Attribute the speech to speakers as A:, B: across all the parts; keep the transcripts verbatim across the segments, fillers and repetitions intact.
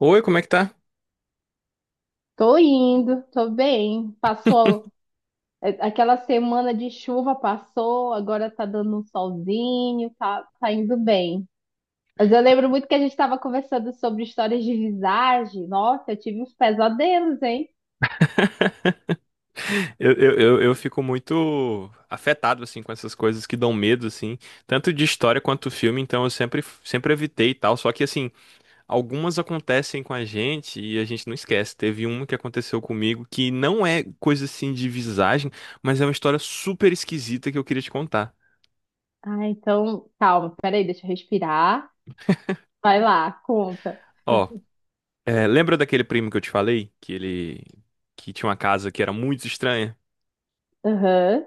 A: Oi, como é que tá?
B: Tô indo, tô bem. Passou. É, aquela semana de chuva, passou, agora tá dando um solzinho, tá, tá indo bem. Mas eu lembro muito que a gente estava conversando sobre histórias de visagem. Nossa, eu tive uns pesadelos, hein?
A: Eu, eu, eu, eu fico muito afetado, assim, com essas coisas que dão medo, assim, tanto de história quanto filme, então eu sempre, sempre evitei e tal. Só que, assim, algumas acontecem com a gente e a gente não esquece. Teve uma que aconteceu comigo que não é coisa, assim, de visagem, mas é uma história super esquisita que eu queria te contar.
B: Ah, então, calma, peraí, deixa eu respirar. Vai lá, conta.
A: Ó, é, lembra daquele primo que eu te falei? Que ele... que tinha uma casa que era muito estranha?
B: Aham,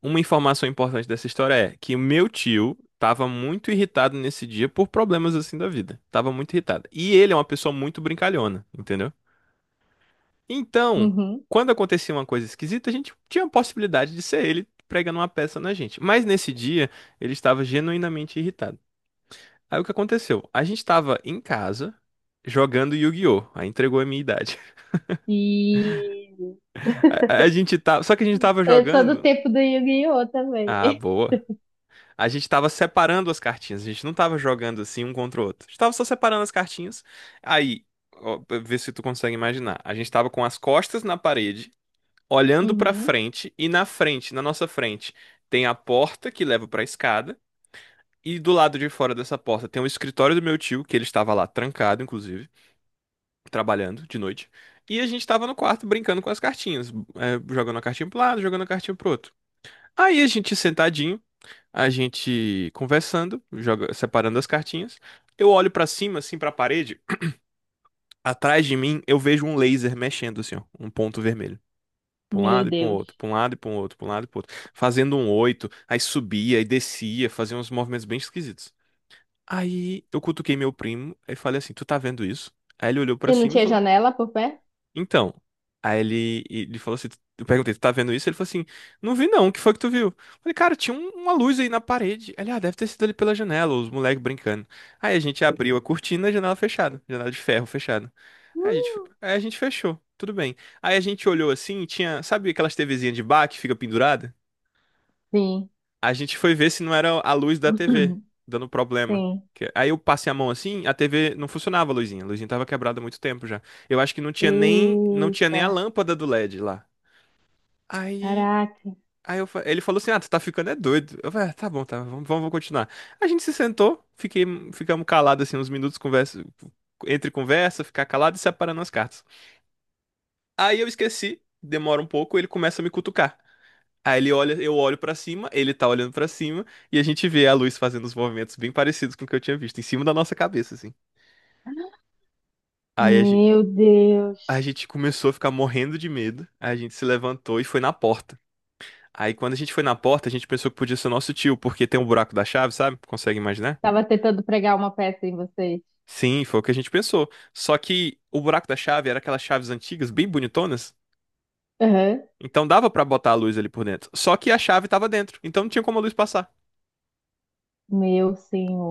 A: Uma informação importante dessa história é que o meu tio tava muito irritado nesse dia por problemas assim da vida. Tava muito irritado. E ele é uma pessoa muito brincalhona, entendeu? Então,
B: uhum.
A: quando acontecia uma coisa esquisita, a gente tinha a possibilidade de ser ele pregando uma peça na gente. Mas nesse dia, ele estava genuinamente irritado. Aí o que aconteceu? A gente estava em casa jogando Yu-Gi-Oh! Aí entregou a minha idade.
B: E
A: A, a gente tava, só que a gente tava
B: eu sou do
A: jogando.
B: tempo do Yu-Gi-Oh! Também.
A: Ah, boa. A gente tava separando as cartinhas, a gente não tava jogando assim um contra o outro. A gente tava só separando as cartinhas. Aí, ó, pra ver se tu consegue imaginar. A gente tava com as costas na parede, olhando pra
B: Uhum.
A: frente, e na frente, na nossa frente, tem a porta que leva pra escada, e do lado de fora dessa porta tem o escritório do meu tio, que ele estava lá trancado, inclusive, trabalhando de noite. E a gente tava no quarto brincando com as cartinhas, eh, jogando a cartinha pro lado, jogando a cartinha pro outro. Aí a gente sentadinho a gente conversando, joga, separando as cartinhas. Eu olho pra cima, assim, pra parede. Atrás de mim, eu vejo um laser mexendo, assim, ó, um ponto vermelho. Pra um
B: Meu
A: lado e pra um outro,
B: Deus.
A: pra um lado e pra um outro, pra um lado e pro outro. Fazendo um oito, aí subia e descia, fazia uns movimentos bem esquisitos. Aí eu cutuquei meu primo e falei assim: Tu tá vendo isso? Aí ele olhou pra
B: E não
A: cima e
B: tinha
A: falou:
B: janela por pé?
A: Então, aí ele, ele falou assim, eu perguntei, tu tá vendo isso? Ele falou assim, não vi não, o que foi que tu viu? Eu falei, cara, tinha um- uma luz aí na parede. Ele, ah, deve ter sido ali pela janela, os moleques brincando. Aí a gente abriu a cortina, a janela fechada, janela de ferro fechada. Aí a gente, aí a gente fechou, tudo bem. Aí a gente olhou assim, tinha, sabe aquelas TVzinhas de bar que fica pendurada?
B: Sim,
A: A gente foi ver se não era a luz da T V dando problema.
B: sim.
A: Que- Aí eu passei a mão assim, a T V não funcionava, a luzinha. A luzinha tava quebrada há muito tempo já. Eu acho que não tinha nem, não tinha nem
B: Eita,
A: a lâmpada do LED lá. Aí,
B: caraca,
A: aí eu fa- ele falou assim: Ah, tu tá ficando é doido. Eu falei: ah, tá bom, tá, vamos, vamos continuar. A gente se sentou, fiquei, ficamos calados assim uns minutos, conversa, entre conversa, ficar calado e separando as cartas. Aí eu esqueci, demora um pouco, ele começa a me cutucar. Aí ele olha, eu olho pra cima, ele tá olhando pra cima e a gente vê a luz fazendo os movimentos bem parecidos com o que eu tinha visto em cima da nossa cabeça, assim. Aí a gente,
B: meu
A: a
B: Deus.
A: gente começou a ficar morrendo de medo. Aí a gente se levantou e foi na porta. Aí quando a gente foi na porta, a gente pensou que podia ser nosso tio, porque tem um buraco da chave, sabe? Consegue imaginar?
B: Tava tentando pregar uma peça em vocês.
A: Sim, foi o que a gente pensou. Só que o buraco da chave era aquelas chaves antigas, bem bonitonas.
B: Aham.
A: Então dava pra botar a luz ali por dentro. Só que a chave tava dentro, então não tinha como a luz passar.
B: Meu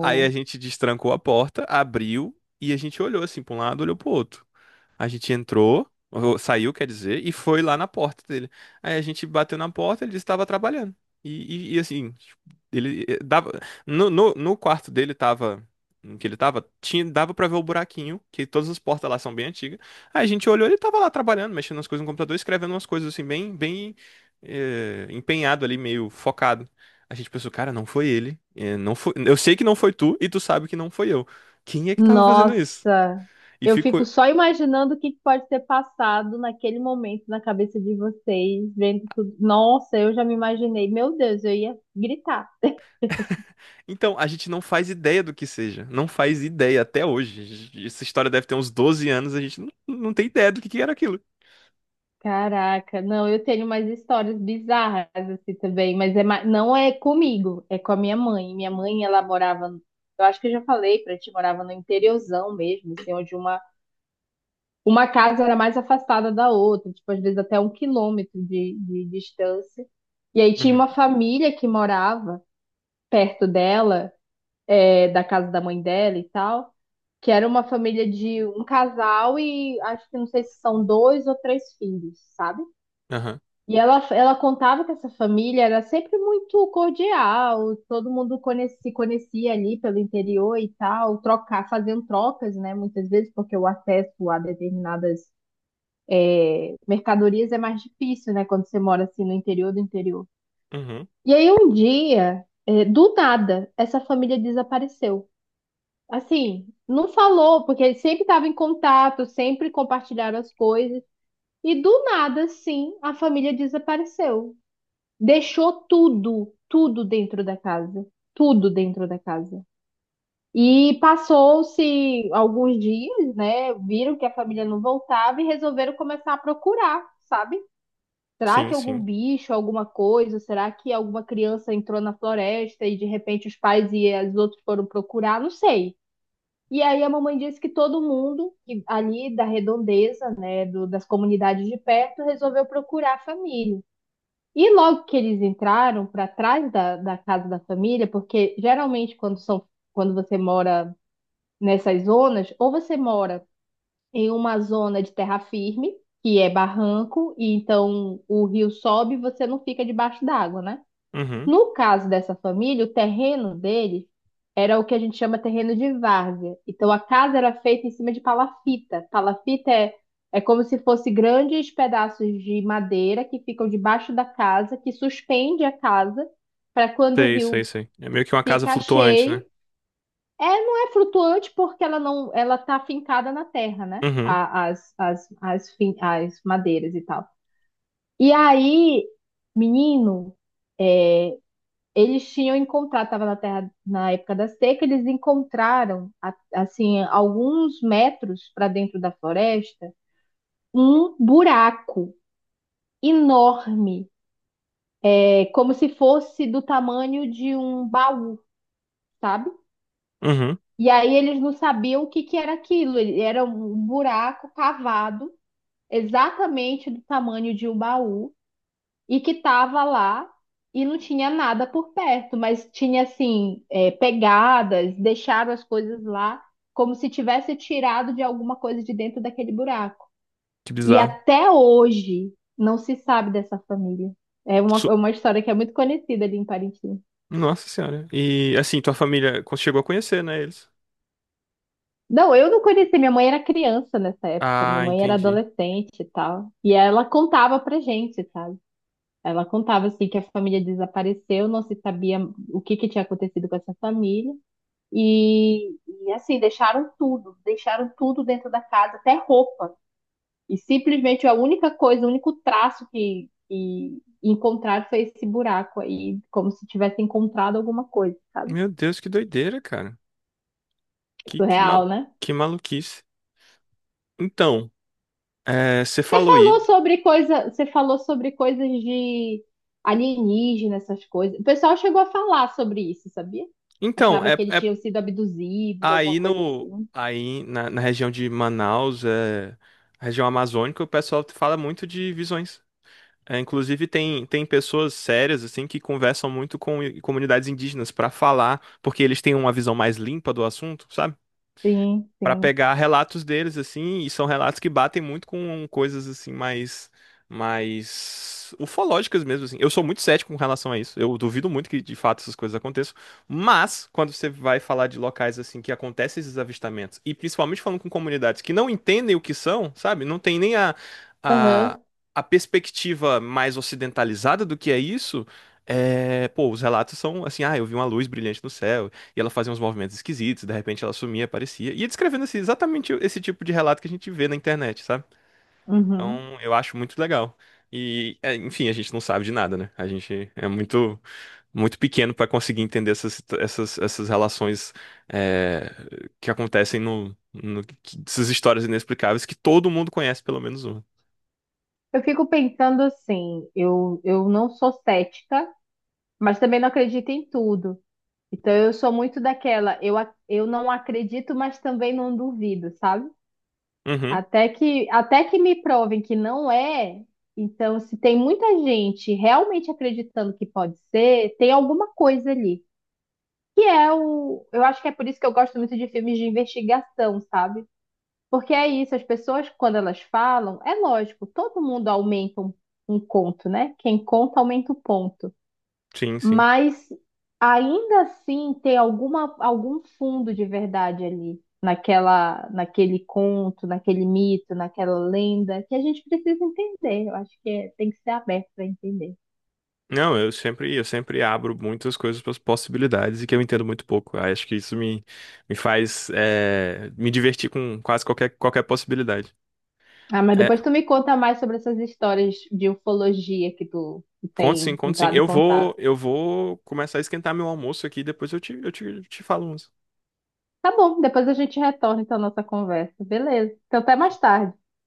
A: Aí a gente destrancou a porta, abriu e a gente olhou assim pra um lado, olhou pro outro. A gente entrou, ou saiu, quer dizer, e foi lá na porta dele. Aí a gente bateu na porta, ele disse que estava trabalhando. E, e- e, assim, tipo, ele eh, dava. No, no, no quarto dele tava. Em que ele tava, tinha, dava pra ver o buraquinho, que todas as portas lá são bem antigas. Aí a gente olhou, ele tava lá trabalhando, mexendo nas coisas no computador, escrevendo umas coisas assim, bem, bem eh, empenhado ali, meio focado. A gente pensou, cara, não foi ele. Eh, não foi, eu sei que não foi tu, e tu sabe que não foi eu. Quem é que tava fazendo isso?
B: Nossa,
A: E
B: eu fico
A: ficou,
B: só imaginando o que que pode ter passado naquele momento na cabeça de vocês, vendo tudo. Nossa, eu já me imaginei. Meu Deus, eu ia gritar.
A: Então, a gente não faz ideia do que seja. Não faz ideia até hoje. Essa história deve ter uns doze anos, a gente não, não tem ideia do que que era aquilo.
B: Caraca, não, eu tenho umas histórias bizarras assim também, mas é, ma- não é comigo, é com a minha mãe. Minha mãe, ela morava, eu acho que eu já falei pra ti, morava no interiorzão mesmo, assim, onde uma, uma casa era mais afastada da outra, tipo, às vezes até um quilômetro de, de distância. E aí tinha
A: Uhum.
B: uma família que morava perto dela, é, da casa da mãe dela e tal, que era uma família de um casal e acho que não sei se são dois ou três filhos, sabe?
A: Aham.
B: E ela, ela contava que essa família era sempre muito cordial, todo mundo conhe- se conhecia ali pelo interior e tal, trocar, fazendo trocas, né? Muitas vezes, porque o acesso a determinadas mercadorias é mais difícil, né? Quando você mora assim no interior do interior.
A: Uhum.
B: E aí um dia, eh, do nada, essa família desapareceu. Assim, não falou, porque eles sempre estavam em contato, sempre compartilharam as coisas. E do nada, sim, a família desapareceu, deixou tudo, tudo dentro da casa, tudo dentro da casa. E passou-se alguns dias, né? Viram que a família não voltava e resolveram começar a procurar, sabe? Será
A: Sim,
B: que algum
A: sim.
B: bicho, alguma coisa? Será que alguma criança entrou na floresta e de repente os pais e os outros foram procurar? Não sei. E aí a mamãe disse que todo mundo que ali da redondeza, né, do- das comunidades de perto, resolveu procurar a família. E logo que eles entraram para trás da, da casa da família, porque geralmente quando são, quando você mora nessas zonas, ou você mora em uma zona de terra firme, que é barranco, e então o rio sobe e você não fica debaixo d'água, né?
A: Uhum.
B: No caso dessa família, o terreno deles era o que a gente chama terreno de várzea. Então a casa era feita em cima de palafita. Palafita é, é como se fosse grandes pedaços de madeira que ficam debaixo da casa, que suspende a casa para quando o
A: Sei, sei,
B: rio
A: sei. É meio que uma casa
B: fica
A: flutuante, né?
B: cheio. É, não é flutuante porque ela não, ela tá fincada na terra, né?
A: Uhum.
B: A- As, as, as, fin- as madeiras e tal. E aí, menino, eles tinham encontrado, estava na terra na época da seca, eles encontraram a- assim alguns metros para dentro da floresta um buraco enorme, é como se fosse do tamanho de um baú, sabe?
A: Uhum.
B: E aí eles não sabiam o que que era aquilo. Ele- Era um buraco cavado exatamente do tamanho de um baú, e que tava lá e não tinha nada por perto, mas tinha assim, é, pegadas, deixaram as coisas lá como se tivesse tirado de alguma coisa de dentro daquele buraco.
A: Que
B: E
A: bizarro.
B: até hoje não se sabe dessa família. É uma, é
A: Su-
B: uma história que é muito conhecida ali em Parintins.
A: Nossa senhora. E assim, tua família co- chegou a conhecer, né, eles?
B: Não, eu não conheci. Minha mãe era criança nessa época. Minha
A: Ah,
B: mãe era
A: entendi.
B: adolescente e tal. E ela contava pra gente, sabe? Ela contava assim que a família desapareceu, não se sabia o que que tinha acontecido com essa família. E, e assim, deixaram tudo, deixaram tudo dentro da casa, até roupa. E simplesmente a única coisa, o único traço que, que, encontraram foi esse buraco aí, como se tivesse encontrado alguma coisa, sabe?
A: Meu Deus, que doideira, cara. Que, que, mal...
B: Surreal, né?
A: que maluquice. Então, é, você
B: Você
A: falou aí.
B: falou sobre coisa, você falou sobre coisas de alienígena, essas coisas. O pessoal chegou a falar sobre isso, sabia?
A: Então,
B: Achava
A: é,
B: que eles
A: é
B: tinham sido abduzidos, alguma
A: Aí
B: coisa
A: no
B: assim.
A: aí na, na região de Manaus, é, região amazônica, o pessoal fala muito de visões. É, inclusive tem, tem pessoas sérias assim que conversam muito com i- comunidades indígenas para falar, porque eles têm uma visão mais limpa do assunto, sabe?
B: Sim,
A: Para
B: sim.
A: pegar relatos deles assim, e são relatos que batem muito com coisas assim mais mais ufológicas mesmo assim. Eu sou muito cético com relação a isso. Eu duvido muito que de fato essas coisas aconteçam, mas quando você vai falar de locais assim que acontecem esses avistamentos e principalmente falando com comunidades que não entendem o que são, sabe? Não tem nem a
B: Aham,
A: a, a perspectiva mais ocidentalizada do que é isso. É, pô, os relatos são assim, ah, eu vi uma luz brilhante no céu. E ela fazia uns movimentos esquisitos, de repente ela sumia, aparecia. E ia descrevendo esse, exatamente esse tipo de relato que a gente vê na internet, sabe?
B: uhum.
A: Então eu acho muito legal. E, é, enfim, a gente não sabe de nada, né? A gente é muito, muito pequeno para conseguir entender essas, essas, essas relações é, que acontecem no, no, que- essas histórias inexplicáveis que todo mundo conhece, pelo menos uma.
B: Eu fico pensando assim, eu, eu não sou cética, mas também não acredito em tudo. Então eu sou muito daquela, eu, ac- eu não acredito, mas também não duvido, sabe?
A: Uhum,
B: Até que, até que me provem que não é, então se tem muita gente realmente acreditando que pode ser, tem alguma coisa ali. Que é o, eu acho que é por isso que eu gosto muito de filmes de investigação, sabe? Porque é isso, as pessoas, quando elas falam, é lógico, todo mundo aumenta um, um conto, né? Quem conta aumenta o ponto.
A: sim, sim.
B: Mas ainda assim tem alguma, algum fundo de verdade ali, naquela, naquele conto, naquele mito, naquela lenda, que a gente precisa entender. Eu acho que é- tem que ser aberto para entender.
A: Não, eu sempre, eu sempre abro muitas coisas para as possibilidades e que eu entendo muito pouco. Aí acho que isso me, me faz eh, me divertir com quase qualquer, qualquer possibilidade.
B: Ah, mas
A: É,
B: depois tu me conta mais sobre essas histórias de ufologia que tu, tu
A: conto sim,
B: tem
A: conto sim.
B: entrado em
A: Eu vou,
B: contato.
A: eu vou começar a esquentar meu almoço aqui, depois eu te, eu te, te falo uns.
B: Tá bom, depois a gente retorna então a nossa conversa. Beleza. Então até mais tarde.